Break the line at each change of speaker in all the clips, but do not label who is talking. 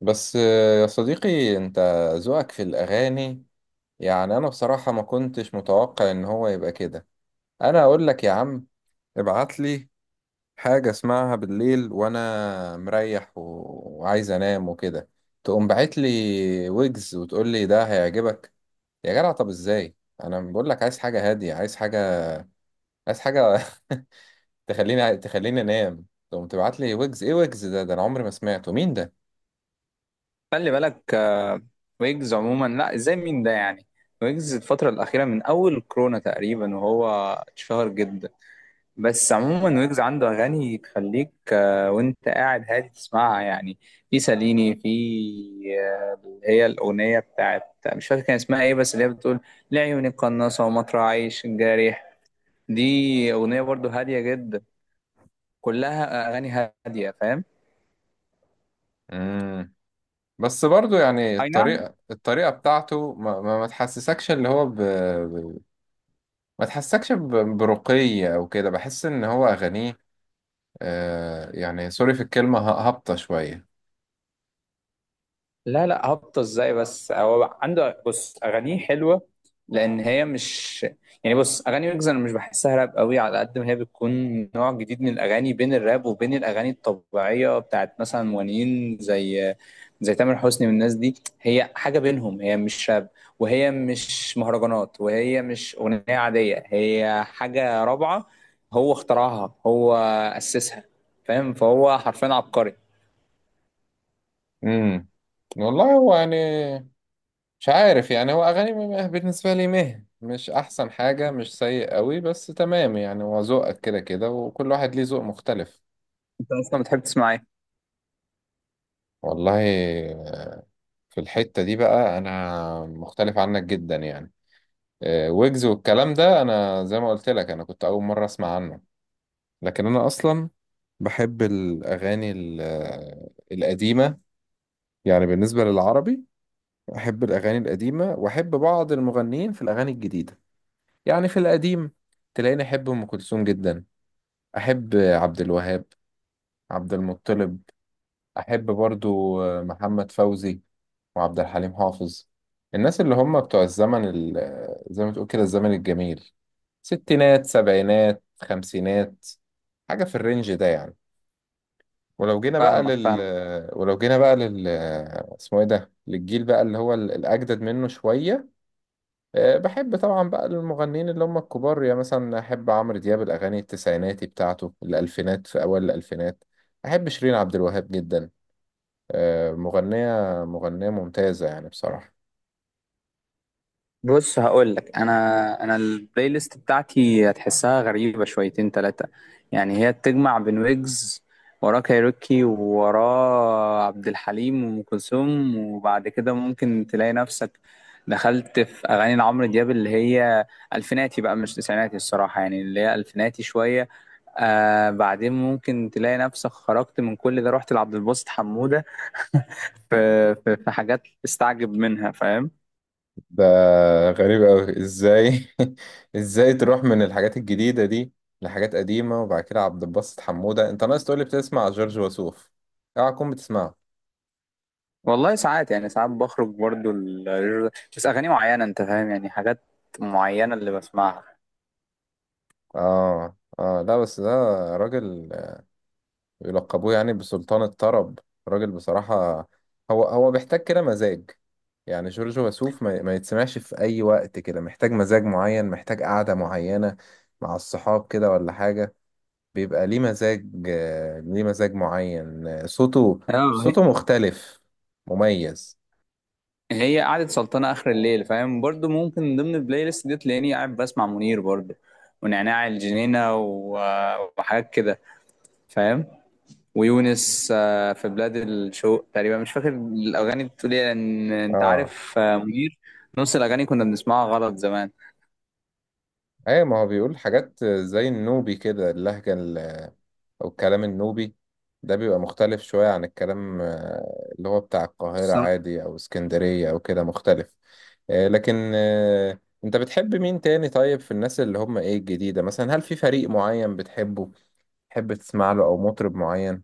بس يا صديقي، انت ذوقك في الاغاني، يعني انا بصراحة ما كنتش متوقع ان هو يبقى كده. انا اقول لك يا عم، ابعت لي حاجة اسمعها بالليل وانا مريح وعايز انام وكده، تقوم باعت لي ويجز وتقول لي ده هيعجبك. يا جدع، طب ازاي؟ انا بقول لك عايز حاجة هادية، عايز حاجة، عايز حاجة تخليني انام، تقوم تبعت لي ويجز. ايه ويجز ده انا عمري ما سمعته. مين
خلي بالك ويجز عموما، لا ازاي مين ده يعني؟ ويجز الفترة الأخيرة من أول كورونا تقريبا، وهو اتشهر جدا. بس عموما ويجز عنده أغاني تخليك وأنت قاعد هادي تسمعها يعني. في ساليني، في اللي هي الأغنية بتاعت، مش فاكر كان اسمها إيه، بس اللي هي بتقول لعيوني قناصة ومطرح عيش الجارح. دي أغنية برضو هادية جدا. كلها أغاني هادية، فاهم؟
ده؟ بس برضو يعني
أي نعم.
الطريقة بتاعته ما تحسسكش اللي هو ما تحسسكش برقي أو كده، بحس إن هو أغانيه آه يعني سوري في الكلمة هابطة شوية.
لا لا، هبطة ازاي؟ بس هو عنده، بص، اغانيه حلوه لان هي مش، يعني بص، اغاني ويجز انا مش بحسها راب قوي على قد ما هي بتكون نوع جديد من الاغاني بين الراب وبين الاغاني الطبيعيه بتاعت مثلا مغنيين زي زي تامر حسني والناس دي. هي حاجه بينهم، هي مش راب وهي مش مهرجانات وهي مش اغنيه عاديه، هي حاجه رابعه. هو اخترعها، هو اسسها. فاهم؟ فهو حرفيا عبقري.
امم والله هو يعني مش عارف، يعني هو أغاني بالنسبة لي مش أحسن حاجة، مش سيء قوي، بس تمام يعني، هو ذوقك كده كده وكل واحد ليه ذوق مختلف.
انت اصلا بتحب تسمع ايه؟
والله، آه، في الحتة دي بقى أنا مختلف عنك جدا يعني. ويجز والكلام ده انا زي ما قلت لك انا كنت اول مره اسمع عنه، لكن انا اصلا بحب الاغاني القديمه، يعني بالنسبه للعربي احب الاغاني القديمه واحب بعض المغنيين في الاغاني الجديده. يعني في القديم تلاقيني احب ام كلثوم جدا، احب عبد الوهاب، عبد المطلب، احب برضو محمد فوزي وعبد الحليم حافظ، الناس اللي هم بتوع الزمن زي ما تقول كده الزمن الجميل، ستينات سبعينات خمسينات، حاجة في الرينج ده يعني.
فاهمك فاهمك
ولو جينا بقى لل اسمه ايه ده، للجيل بقى اللي هو الأجدد منه شوية. أه، بحب طبعا بقى المغنيين اللي هم الكبار، يعني مثلا أحب عمرو دياب، الأغاني التسعيناتي بتاعته الألفينات، في أوائل الألفينات. أحب شيرين عبد الوهاب جدا، مغنية، مغنية ممتازة يعني بصراحة.
بص، هقول لك، انا البلاي ليست بتاعتي هتحسها غريبه شويتين ثلاثه. يعني هي بتجمع بين ويجز، وراه كايروكي، ووراه عبد الحليم وام كلثوم، وبعد كده ممكن تلاقي نفسك دخلت في اغاني لعمرو دياب اللي هي الفيناتي بقى، مش تسعيناتي الصراحه، يعني اللي هي الفيناتي شويه. آه، بعدين ممكن تلاقي نفسك خرجت من كل ده، رحت لعبد الباسط حموده. في حاجات تستعجب منها، فاهم؟
ده غريب أوي، إزاي؟ إزاي تروح من الحاجات الجديدة دي لحاجات قديمة؟ وبعد كده عبد الباسط حمودة؟ أنت ناقص تقولي بتسمع جورج وسوف. أوعى تكون بتسمعه.
والله ساعات، يعني ساعات بخرج برضو بس اغاني معينه انت فاهم، يعني حاجات معينه اللي بسمعها.
آه، آه، لا، بس ده راجل يلقبوه يعني بسلطان الطرب، راجل بصراحة. هو هو بيحتاج كده مزاج، يعني جورج وسوف ما يتسمعش في أي وقت كده، محتاج مزاج معين، محتاج قعدة معينة مع الصحاب كده ولا حاجة، بيبقى ليه مزاج، ليه مزاج معين، صوته،
اه،
صوته مختلف، مميز.
هي قعدة سلطنة آخر الليل، فاهم؟ برضو ممكن من ضمن البلاي ليست دي تلاقيني قاعد بسمع منير برضو، ونعناع الجنينة وحاجات كده، فاهم؟ ويونس، في بلاد الشوق تقريبا، مش فاكر الأغاني بتقول إيه لأن أنت
اه،
عارف منير نص الأغاني كنا بنسمعها غلط زمان.
ايه، ما هو بيقول حاجات زي النوبي كده، اللهجة او الكلام النوبي، ده بيبقى مختلف شوية عن الكلام اللي هو بتاع القاهرة عادي او اسكندرية او كده، مختلف. لكن انت بتحب مين تاني؟ طيب في الناس اللي هم ايه الجديدة، مثلا هل في فريق معين بتحبه تحب تسمع له، او مطرب معين؟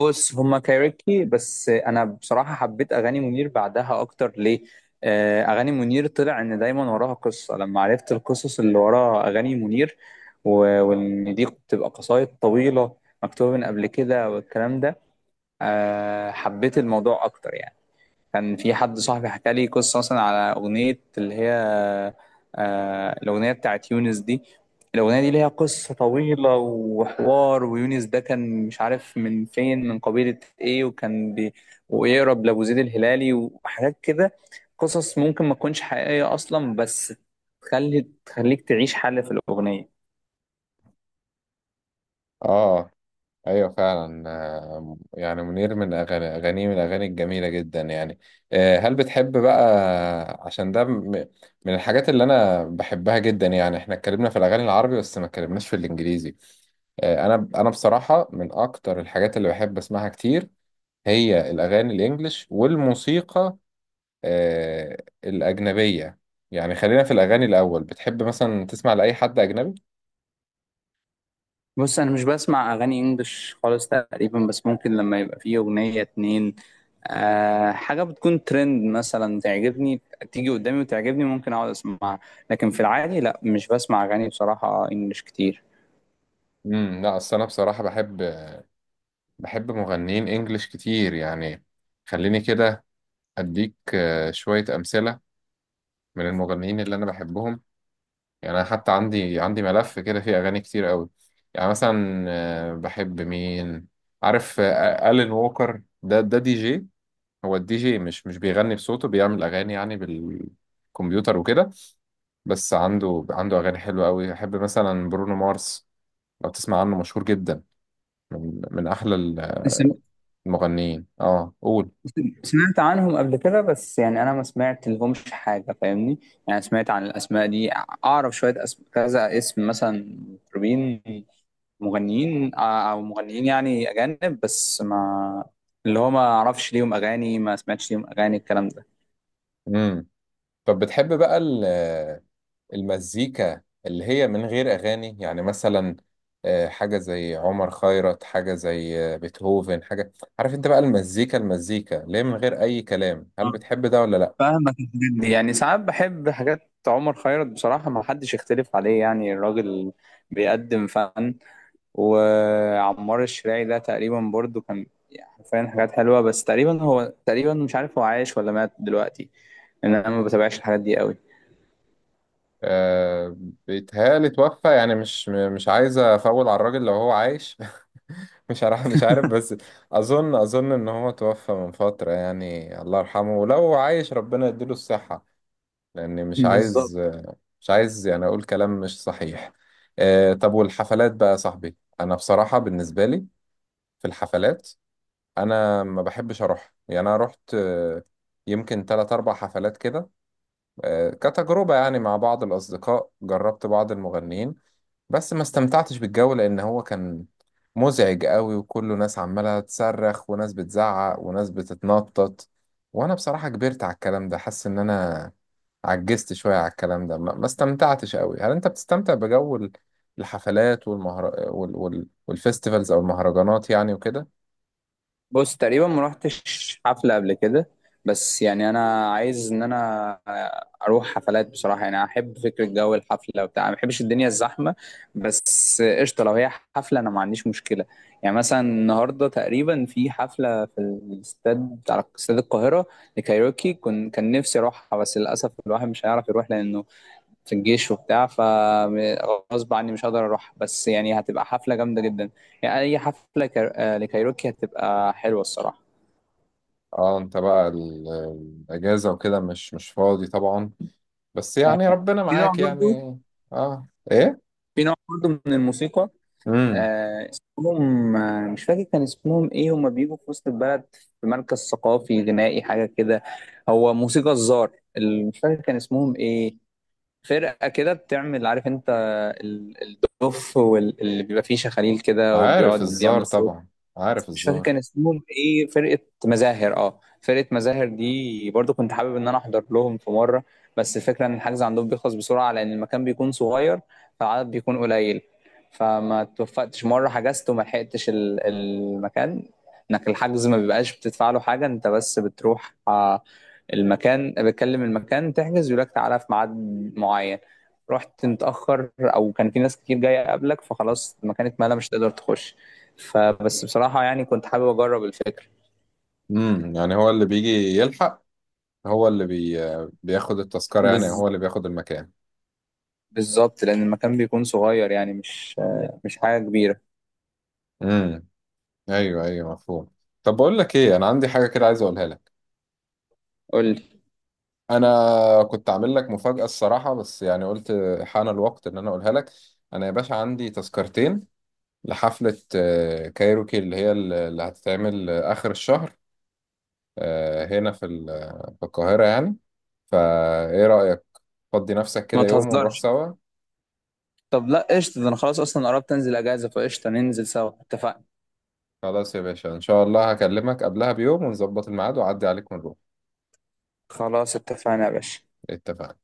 بص، هما كايروكي، بس انا بصراحه حبيت اغاني منير بعدها اكتر. ليه؟ اغاني منير طلع ان دايما وراها قصه. لما عرفت القصص اللي ورا اغاني منير، وان دي بتبقى قصايد طويله مكتوبه من قبل كده والكلام ده، حبيت الموضوع اكتر يعني. كان في حد صاحبي حكى لي قصة مثلا على أغنية اللي هي، آه، الأغنية بتاعت يونس دي. الأغنية دي ليها قصة طويلة وحوار، ويونس ده كان مش عارف من فين، من قبيلة إيه، وكان بي ويقرب لأبو زيد الهلالي وحاجات كده. قصص ممكن ما تكونش حقيقية أصلا، بس تخليك تعيش حالة في الأغنية.
اه، ايوه فعلا، يعني منير، من اغاني اغانيه من الاغاني الجميله جدا يعني. هل بتحب بقى عشان ده من الحاجات اللي انا بحبها جدا؟ يعني احنا اتكلمنا في الاغاني العربي بس ما اتكلمناش في الانجليزي. انا بصراحه من اكتر الحاجات اللي بحب اسمعها كتير هي الاغاني الانجليش والموسيقى آه، الاجنبيه. يعني خلينا في الاغاني الاول، بتحب مثلا تسمع لاي حد اجنبي؟
بص، انا مش بسمع اغاني انجلش خالص تقريبا، بس ممكن لما يبقى فيه اغنية اتنين، أه، حاجة بتكون ترند مثلا تعجبني، تيجي قدامي وتعجبني، ممكن اقعد اسمعها. لكن في العادي لا، مش بسمع اغاني بصراحة انجلش كتير.
لا، اصل انا بصراحه بحب، بحب مغنيين انجليش كتير يعني. خليني كده اديك شوية امثلة من المغنيين اللي انا بحبهم، يعني انا حتى عندي ملف كده فيه اغاني كتير قوي. يعني مثلا بحب مين؟ عارف ألين ووكر؟ ده دي جي، هو الدي جي مش بيغني بصوته، بيعمل اغاني يعني بالكمبيوتر وكده، بس عنده اغاني حلوة قوي. احب مثلا برونو مارس، لو تسمع عنه، مشهور جدا، من احلى
سم-
المغنيين. اه، قول.
سمعت عنهم قبل كده، بس يعني انا ما سمعت لهمش حاجة، فاهمني؟ يعني سمعت عن الاسماء دي، اعرف شوية كذا اسم مثلا، مطربين، مغنيين، او مغنيين يعني اجانب، بس ما، اللي هو ما اعرفش ليهم اغاني، ما سمعتش ليهم اغاني الكلام ده.
مم. طب بتحب بقى المزيكا اللي هي من غير أغاني يعني؟ مثلا حاجة زي عمر خيرت، حاجة زي بيتهوفن، حاجة، عارف انت بقى، المزيكا، المزيكا اللي هي من غير أي كلام، هل
اه
بتحب ده ولا لأ؟
فاهمك. الحاجات دي يعني ساعات بحب حاجات عمر خيرت بصراحة، ما حدش يختلف عليه، يعني الراجل بيقدم فن. وعمار الشراعي ده تقريبا برضو كان، يعني حرفيا حاجات حلوة، بس تقريبا هو، تقريبا مش عارف هو عايش ولا مات دلوقتي لأن أنا ما بتابعش الحاجات دي قوي.
أه، بيتهيألي توفى، يعني مش مش عايز أفول على الراجل لو هو عايش مش عارف، مش عارف، بس أظن إن هو توفى من فترة يعني، الله يرحمه، ولو عايش ربنا يديله الصحة، لأني مش
بالظبط.
عايز، يعني أقول كلام مش صحيح. طب والحفلات بقى يا صاحبي، أنا بصراحة بالنسبة لي في الحفلات أنا ما بحبش أروح. يعني أنا رحت يمكن تلات أربع حفلات كده، كتجربة يعني مع بعض الأصدقاء، جربت بعض المغنيين بس ما استمتعتش بالجو، لأن هو كان مزعج قوي وكله ناس عمالة تصرخ وناس بتزعق وناس بتتنطط. وأنا بصراحة كبرت على الكلام ده، حاسس إن أنا عجزت شوية على الكلام ده، ما استمتعتش قوي. هل انت بتستمتع بجو الحفلات والفستيفالز او المهرجانات يعني وكده؟
بص، تقريبا ما رحتش حفلة قبل كده، بس يعني انا عايز ان انا اروح حفلات بصراحة، يعني احب فكرة جو الحفلة وبتاع، ما بحبش الدنيا الزحمة، بس قشطة لو هي حفلة انا ما عنديش مشكلة. يعني مثلا النهاردة تقريبا في حفلة في الاستاد، بتاع استاد القاهرة، لكايروكي، كن كان نفسي اروحها بس للاسف الواحد مش هيعرف يروح لانه في الجيش وبتاع، فغصب عني مش هقدر اروح، بس يعني هتبقى حفلة جامدة جدا. يعني اي حفلة كار... آه، لكايروكي هتبقى حلوة الصراحة.
اه، انت بقى الاجازة وكده مش فاضي طبعا، بس
آه،
يعني ربنا
في نوع
معاك
برضو،
يعني. اه، ايه؟
في نوع برضو من الموسيقى،
امم
اسمهم، آه، مش فاكر كان اسمهم ايه. هما بيجوا في وسط البلد، في مركز ثقافي غنائي حاجة كده. هو موسيقى الزار. مش فاكر كان اسمهم ايه، فرقة كده بتعمل، عارف انت، ال- الدف واللي بيبقى فيه شخاليل كده
عارف
وبيقعد
الزار
يعمل صوت.
طبعا، عارف
مش فاكر كان
الزار.
اسمهم ايه فرقة. مزاهر، اه، فرقة مزاهر دي برضو كنت حابب ان انا احضر لهم في مرة، بس الفكرة ان الحجز عندهم بيخلص بسرعة لان المكان بيكون صغير، فالعدد بيكون قليل. فما توفقتش مرة، حجزت وما لحقتش المكان. انك الحجز ما بيبقاش بتدفع له حاجة انت، بس بتروح، المكان بتكلم المكان تحجز يقول لك تعالى في ميعاد معين، رحت متأخر او كان في ناس كتير جاية قبلك، فخلاص المكان اتملى مش هتقدر تخش. فبس بصراحة يعني كنت حابب أجرب الفكرة.
يعني هو اللي بيجي يلحق، هو اللي بياخد التذكرة يعني،
بز...
هو اللي بياخد المكان.
بالظبط، لأن المكان بيكون صغير، يعني مش، مش حاجة كبيرة.
امم ايوه، ايوه، مفهوم. طب بقول لك ايه، انا عندي حاجة كده عايز اقولها لك.
قول لي.
انا كنت عامل لك مفاجأة الصراحة، بس يعني قلت حان الوقت ان انا اقولها لك. انا يا باشا عندي تذكرتين لحفلة كايروكي، اللي هي اللي هتتعمل اخر الشهر، هنا في في القاهرة يعني، فايه رأيك؟ فضي نفسك
ما
كده يوم ونروح
تهزرش.
سوا.
طب لا قشطة، ده أنا خلاص أصلا قربت أنزل أجازة، فقشطة ننزل سوا، اتفقنا.
خلاص يا باشا، ان شاء الله هكلمك قبلها بيوم ونظبط الميعاد واعدي عليك ونروح،
خلاص اتفقنا يا باشا.
اتفقنا.